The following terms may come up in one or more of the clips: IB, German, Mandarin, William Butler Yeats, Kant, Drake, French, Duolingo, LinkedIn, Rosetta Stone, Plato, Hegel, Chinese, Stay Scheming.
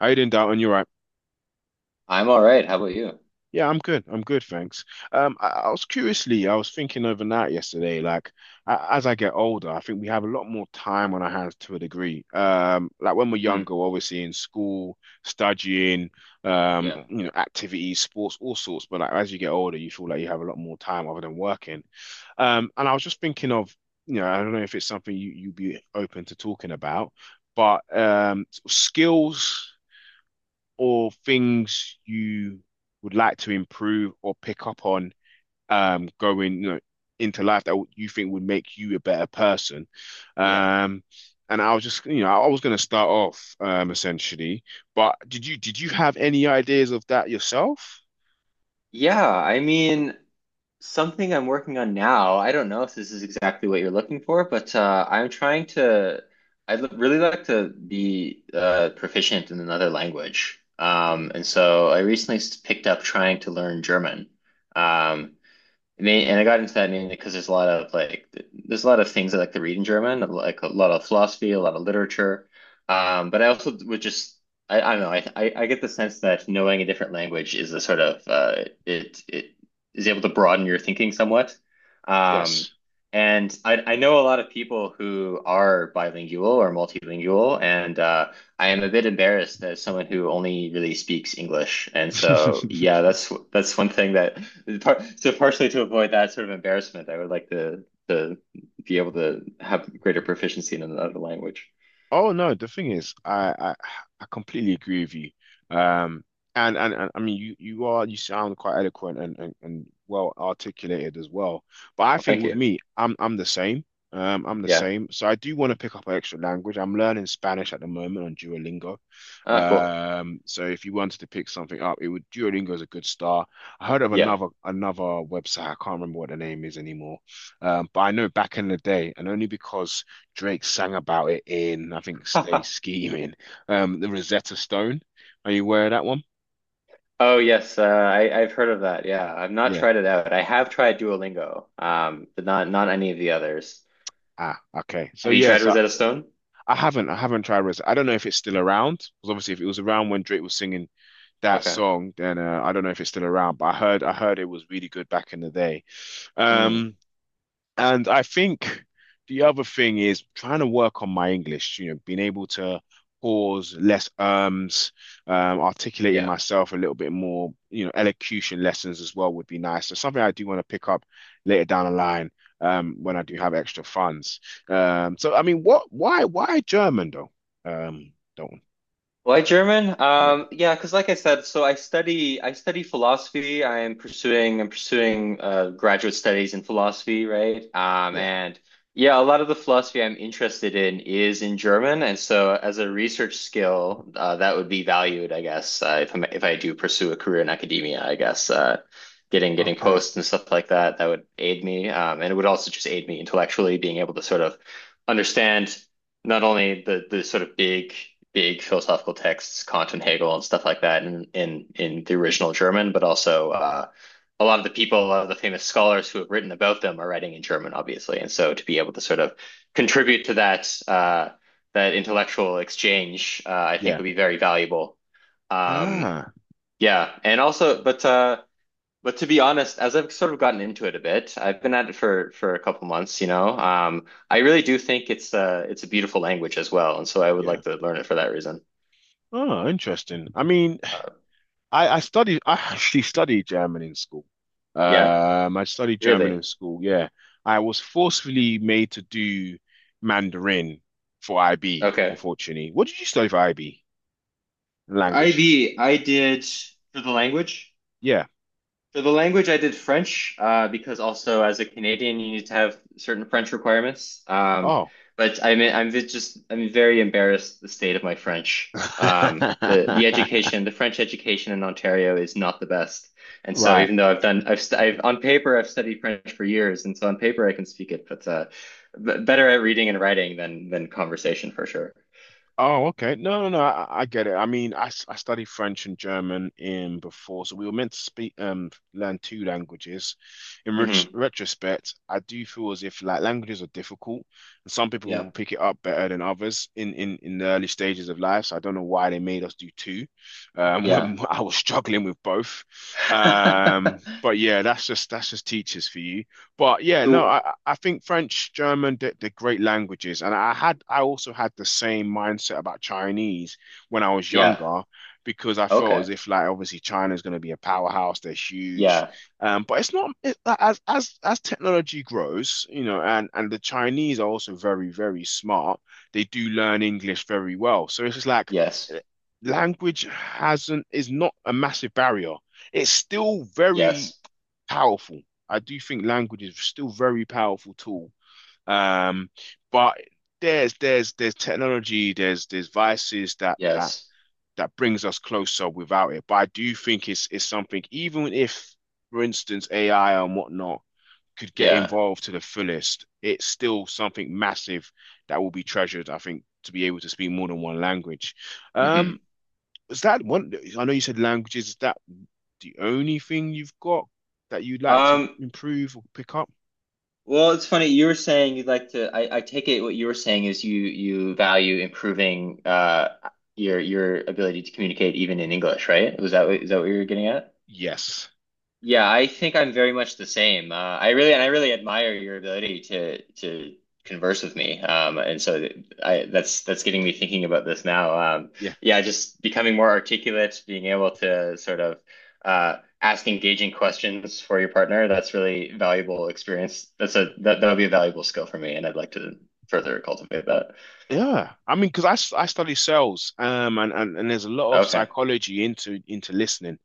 How you doing, Dalton? You're right. I'm all right. How about you? Yeah, I'm good. I'm good, thanks. I was thinking overnight yesterday, like as I get older, I think we have a lot more time on our hands to a degree. Like when we're Hmm younger, we're obviously in school, studying, Yeah. Activities, sports, all sorts. But like as you get older, you feel like you have a lot more time other than working. And I was just thinking of, I don't know if it's something you'd be open to talking about, but skills, or things you would like to improve or pick up on, going into life that you think would make you a better person. Yeah. Um, and I was just, I was going to start off, essentially, but did you have any ideas of that yourself? Yeah. I mean, something I'm working on now. I don't know if this is exactly what you're looking for, but I'm trying to, really like to be proficient in another language. Ooh, And, so I recently s- picked up trying to learn German. Um, And, and I got into that mainly because there's a lot of things I like to read in German, like a lot of philosophy, a lot of literature. But I also would just I don't know I get the sense that knowing a different language is a sort of it it is able to broaden your thinking somewhat. Um, yes. and I know a lot of people who are bilingual or multilingual, and I am a bit embarrassed as someone who only really speaks English, and so yeah, that's one thing that so partially to avoid that sort of embarrassment, I would like to be able to have greater proficiency in another language. Oh no, the thing is, I completely agree with you. Um, and I mean, you sound quite eloquent and, and well articulated as well. But I Well, think thank with you. me, I'm the same. I'm the Yeah. same. So I do want to pick up an extra language. I'm learning Spanish at the moment on Duolingo. Ah, cool. So if you wanted to pick something up, it would Duolingo is a good start. I heard of Yeah. another another website. I can't remember what the name is anymore. But I know back in the day, and only because Drake sang about it in, I think, Stay Scheming, the Rosetta Stone. Are you aware of that one? Oh yes, I I've heard of that. Yeah, I've not Yeah. tried it out. I have tried Duolingo, but not any of the others. Ah, okay. So Have you tried yes, I, Rosetta Stone? I haven't, I haven't tried Rosetta. I don't know if it's still around because obviously, if it was around when Drake was singing that Okay. song, then I don't know if it's still around. But I heard it was really good back in the day. Hmm. Um, And I think the other thing is trying to work on my English, being able to pause less ums, articulating Yeah. myself a little bit more, elocution lessons as well would be nice. So something I do want to pick up later down the line, when I do have extra funds. So I mean, why German though? Dalton. Why German? Yeah. Yeah, because like I said, so I study philosophy. I'm pursuing graduate studies in philosophy, right? Yeah. And yeah, a lot of the philosophy I'm interested in is in German, and so as a research skill, that would be valued, I guess, if I do pursue a career in academia, I guess. Getting Okay. posts and stuff like that that would aid me and it would also just aid me intellectually, being able to sort of understand not only the sort of big philosophical texts, Kant and Hegel and stuff like that, in the original German, but also a lot of the people a lot of the famous scholars who have written about them are writing in German, obviously, and so to be able to sort of contribute to that that intellectual exchange I think Yeah. would be very valuable um, Ah, yeah, and also but to be honest, as I've sort of gotten into it a bit, I've been at it for a couple months, you know. I really do think it's it's a beautiful language as well, and so I would yeah. like to learn it for that reason. Oh, interesting. I mean, Uh, I actually studied German in school. Yeah, I studied German in really. school, yeah. I was forcefully made to do Mandarin for IB, Okay. unfortunately. What did you study for IB? For Language. IB, I did for the language. Yeah. For the language, I did French because also as a Canadian, you need to have certain French requirements. Oh. But I'm vi- just I'm very embarrassed the state of my French. The education, the French education in Ontario is not the best. And so Right. even though I've done I've, st I've on paper I've studied French for years, and so on paper I can speak it, but b better at reading and writing than conversation for sure. Oh, okay. No, no, no. I get it. I mean, I studied French and German in before, so we were meant to speak learn two languages. In ret hmm retrospect, I do feel as if like languages are difficult, and some people Yeah. will pick it up better than others in the early stages of life. So I don't know why they made us do two, Yeah. when I was struggling with both. Um, but yeah, that's just teachers for you. But yeah, no, So, I think French, German, they're great languages, and I also had the same mindset about Chinese when I was yeah. younger, because I felt as Okay. if like obviously China is going to be a powerhouse, they're huge, Yeah. But it's not it, like, as technology grows, and the Chinese are also very very smart. They do learn English very well, so it's just like Yes. eh, language hasn't is not a massive barrier. It's still very Yes. powerful. I do think language is still very powerful tool. Um, but there's technology, there's vices that that Yes. that brings us closer without it. But I do think it's something, even if, for instance, AI and whatnot could get Yeah. involved to the fullest, it's still something massive that will be treasured, I think, to be able to speak more than one language. Um, hmm is that one? I know you said languages. Is that the only thing you've got that you'd like to Um, improve or pick up? well, it's funny. You were saying you'd like to, I take it what you were saying is you value improving your ability to communicate even in English, right? Was that what, is that what you were getting at? Yes. Yeah, I think I'm very much the same. I really admire your ability to converse with me. And so th- I that's getting me thinking about this now. Yeah. Yeah, just becoming more articulate, being able to sort of ask engaging questions for your partner. That's really valuable experience. That's a that that would be a valuable skill for me, and I'd like to further cultivate that. Yeah. I mean, because I study sales, and there's a lot of Okay. psychology into listening,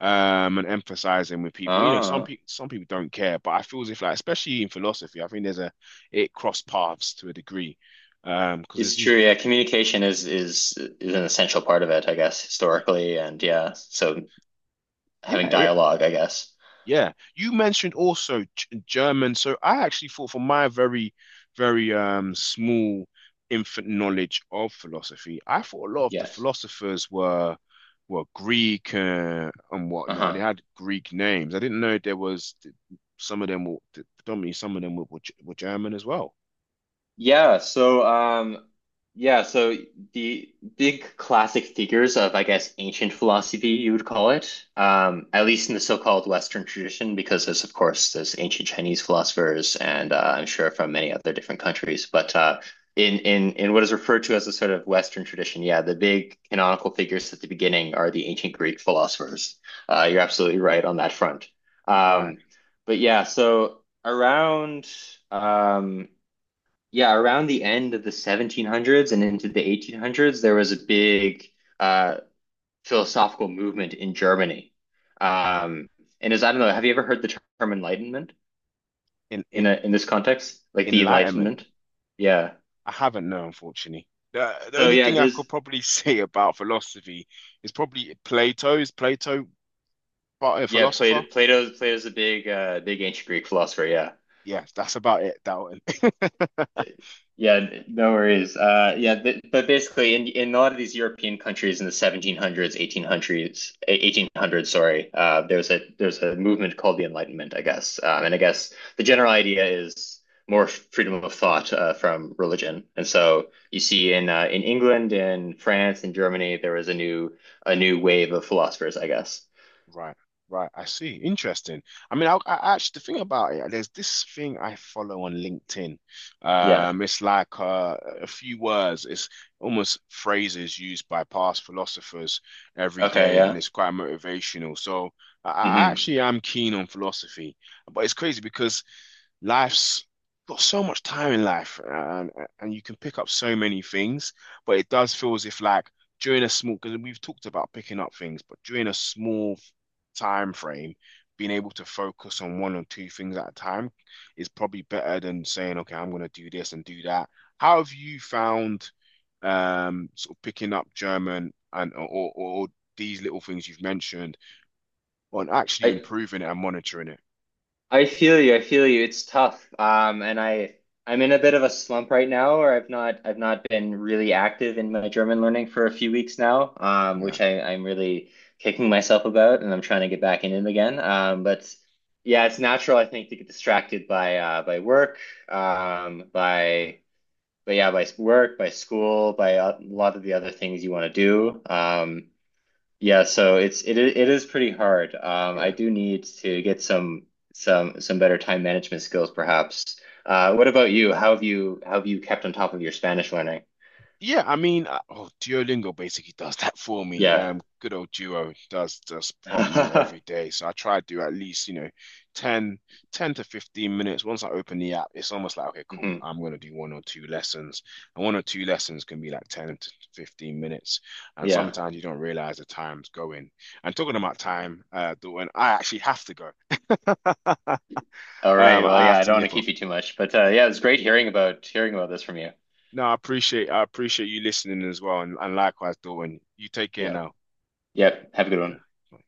and emphasizing with people. You know, some Oh. people some people don't care, but I feel as if like especially in philosophy, I think there's a it cross paths to a degree, because there's It's these. true, yeah. Communication is an essential part of it, I guess, historically, and yeah, so having Yeah. dialogue, I guess. Yeah, you mentioned also G German. So I actually thought, from my very, very small infant knowledge of philosophy, I thought a lot of the Yes. philosophers were Greek, and whatnot. They Uh-huh. had Greek names. I didn't know there was some of them were predominantly some of them were G- were German as well. Yeah, so yeah, so the big classic figures of, I guess, ancient philosophy, you would call it, at least in the so-called Western tradition, because there's, of course, there's ancient Chinese philosophers and I'm sure from many other different countries, but in what is referred to as a sort of Western tradition, yeah, the big canonical figures at the beginning are the ancient Greek philosophers. You're absolutely right on that front. Right. Um, but yeah, so around um yeah, around the end of the 1700s and into the 1800s, there was a big uh, philosophical movement in Germany. Um, and, as I don't know, have you ever heard the term enlightenment In in in in this context, like the enlightenment, Enlightenment? Yeah. I haven't known, unfortunately. The So only yeah, thing I could there's probably say about philosophy is probably Plato. Is Plato but a yeah, Plato, philosopher? Plato's a big big ancient Greek philosopher. Yeah. Yeah, that's about it, Dalton. Yeah, no worries. Yeah, but basically, in a lot of these European countries in the 1700s, 1800s, sorry, there's a movement called the Enlightenment, I guess. And I guess the general idea is more freedom of thought from religion. And so you see in England, in France, in Germany, there was a new wave of philosophers, I guess. Right, right. I see. Interesting. I mean, I actually the thing about it, there's this thing I follow on LinkedIn. Yeah. It's like a few words. It's almost phrases used by past philosophers every Okay. day, and Yeah. it's quite motivational. So I hmm actually am keen on philosophy, but it's crazy because life's got so much time in life and you can pick up so many things, but it does feel as if like during a small, because we've talked about picking up things, but during a small time frame, being able to focus on one or two things at a time is probably better than saying, okay, I'm going to do this and do that. How have you found sort of picking up German and or these little things you've mentioned on actually I improving it and monitoring it? I feel you. I feel you. It's tough. And I I'm in a bit of a slump right now, or I've not been really active in my German learning for a few weeks now, Yeah, which I'm really kicking myself about, and I'm trying to get back in it again. But yeah, it's natural, I think, to get distracted by work, by but yeah, by work, by school, by a lot of the other things you want to do. Yeah, so it is pretty hard. I yeah. do need to get some some better time management skills, perhaps. What about you? How have you kept on top of your Spanish learning? Yeah, I mean, oh, Duolingo basically does that for me. Yeah. Good old Duo does prompt me every Mhm. day. So I try to do at least, 10 10 to 15 minutes. Once I open the app, it's almost like, okay, cool, I'm gonna do one or two lessons. And one or two lessons can be like 10 to 15 minutes. And Yeah. sometimes you don't realize the time's going. And talking about time, Dawn, I actually have to go. All right. Well, I yeah, have I to don't want to nip keep off. you too much, but yeah, it was great hearing about this from you. No, I appreciate you listening as well. And likewise, Dawn, you take care Yeah. now. Yep. Have a good one. Fuck.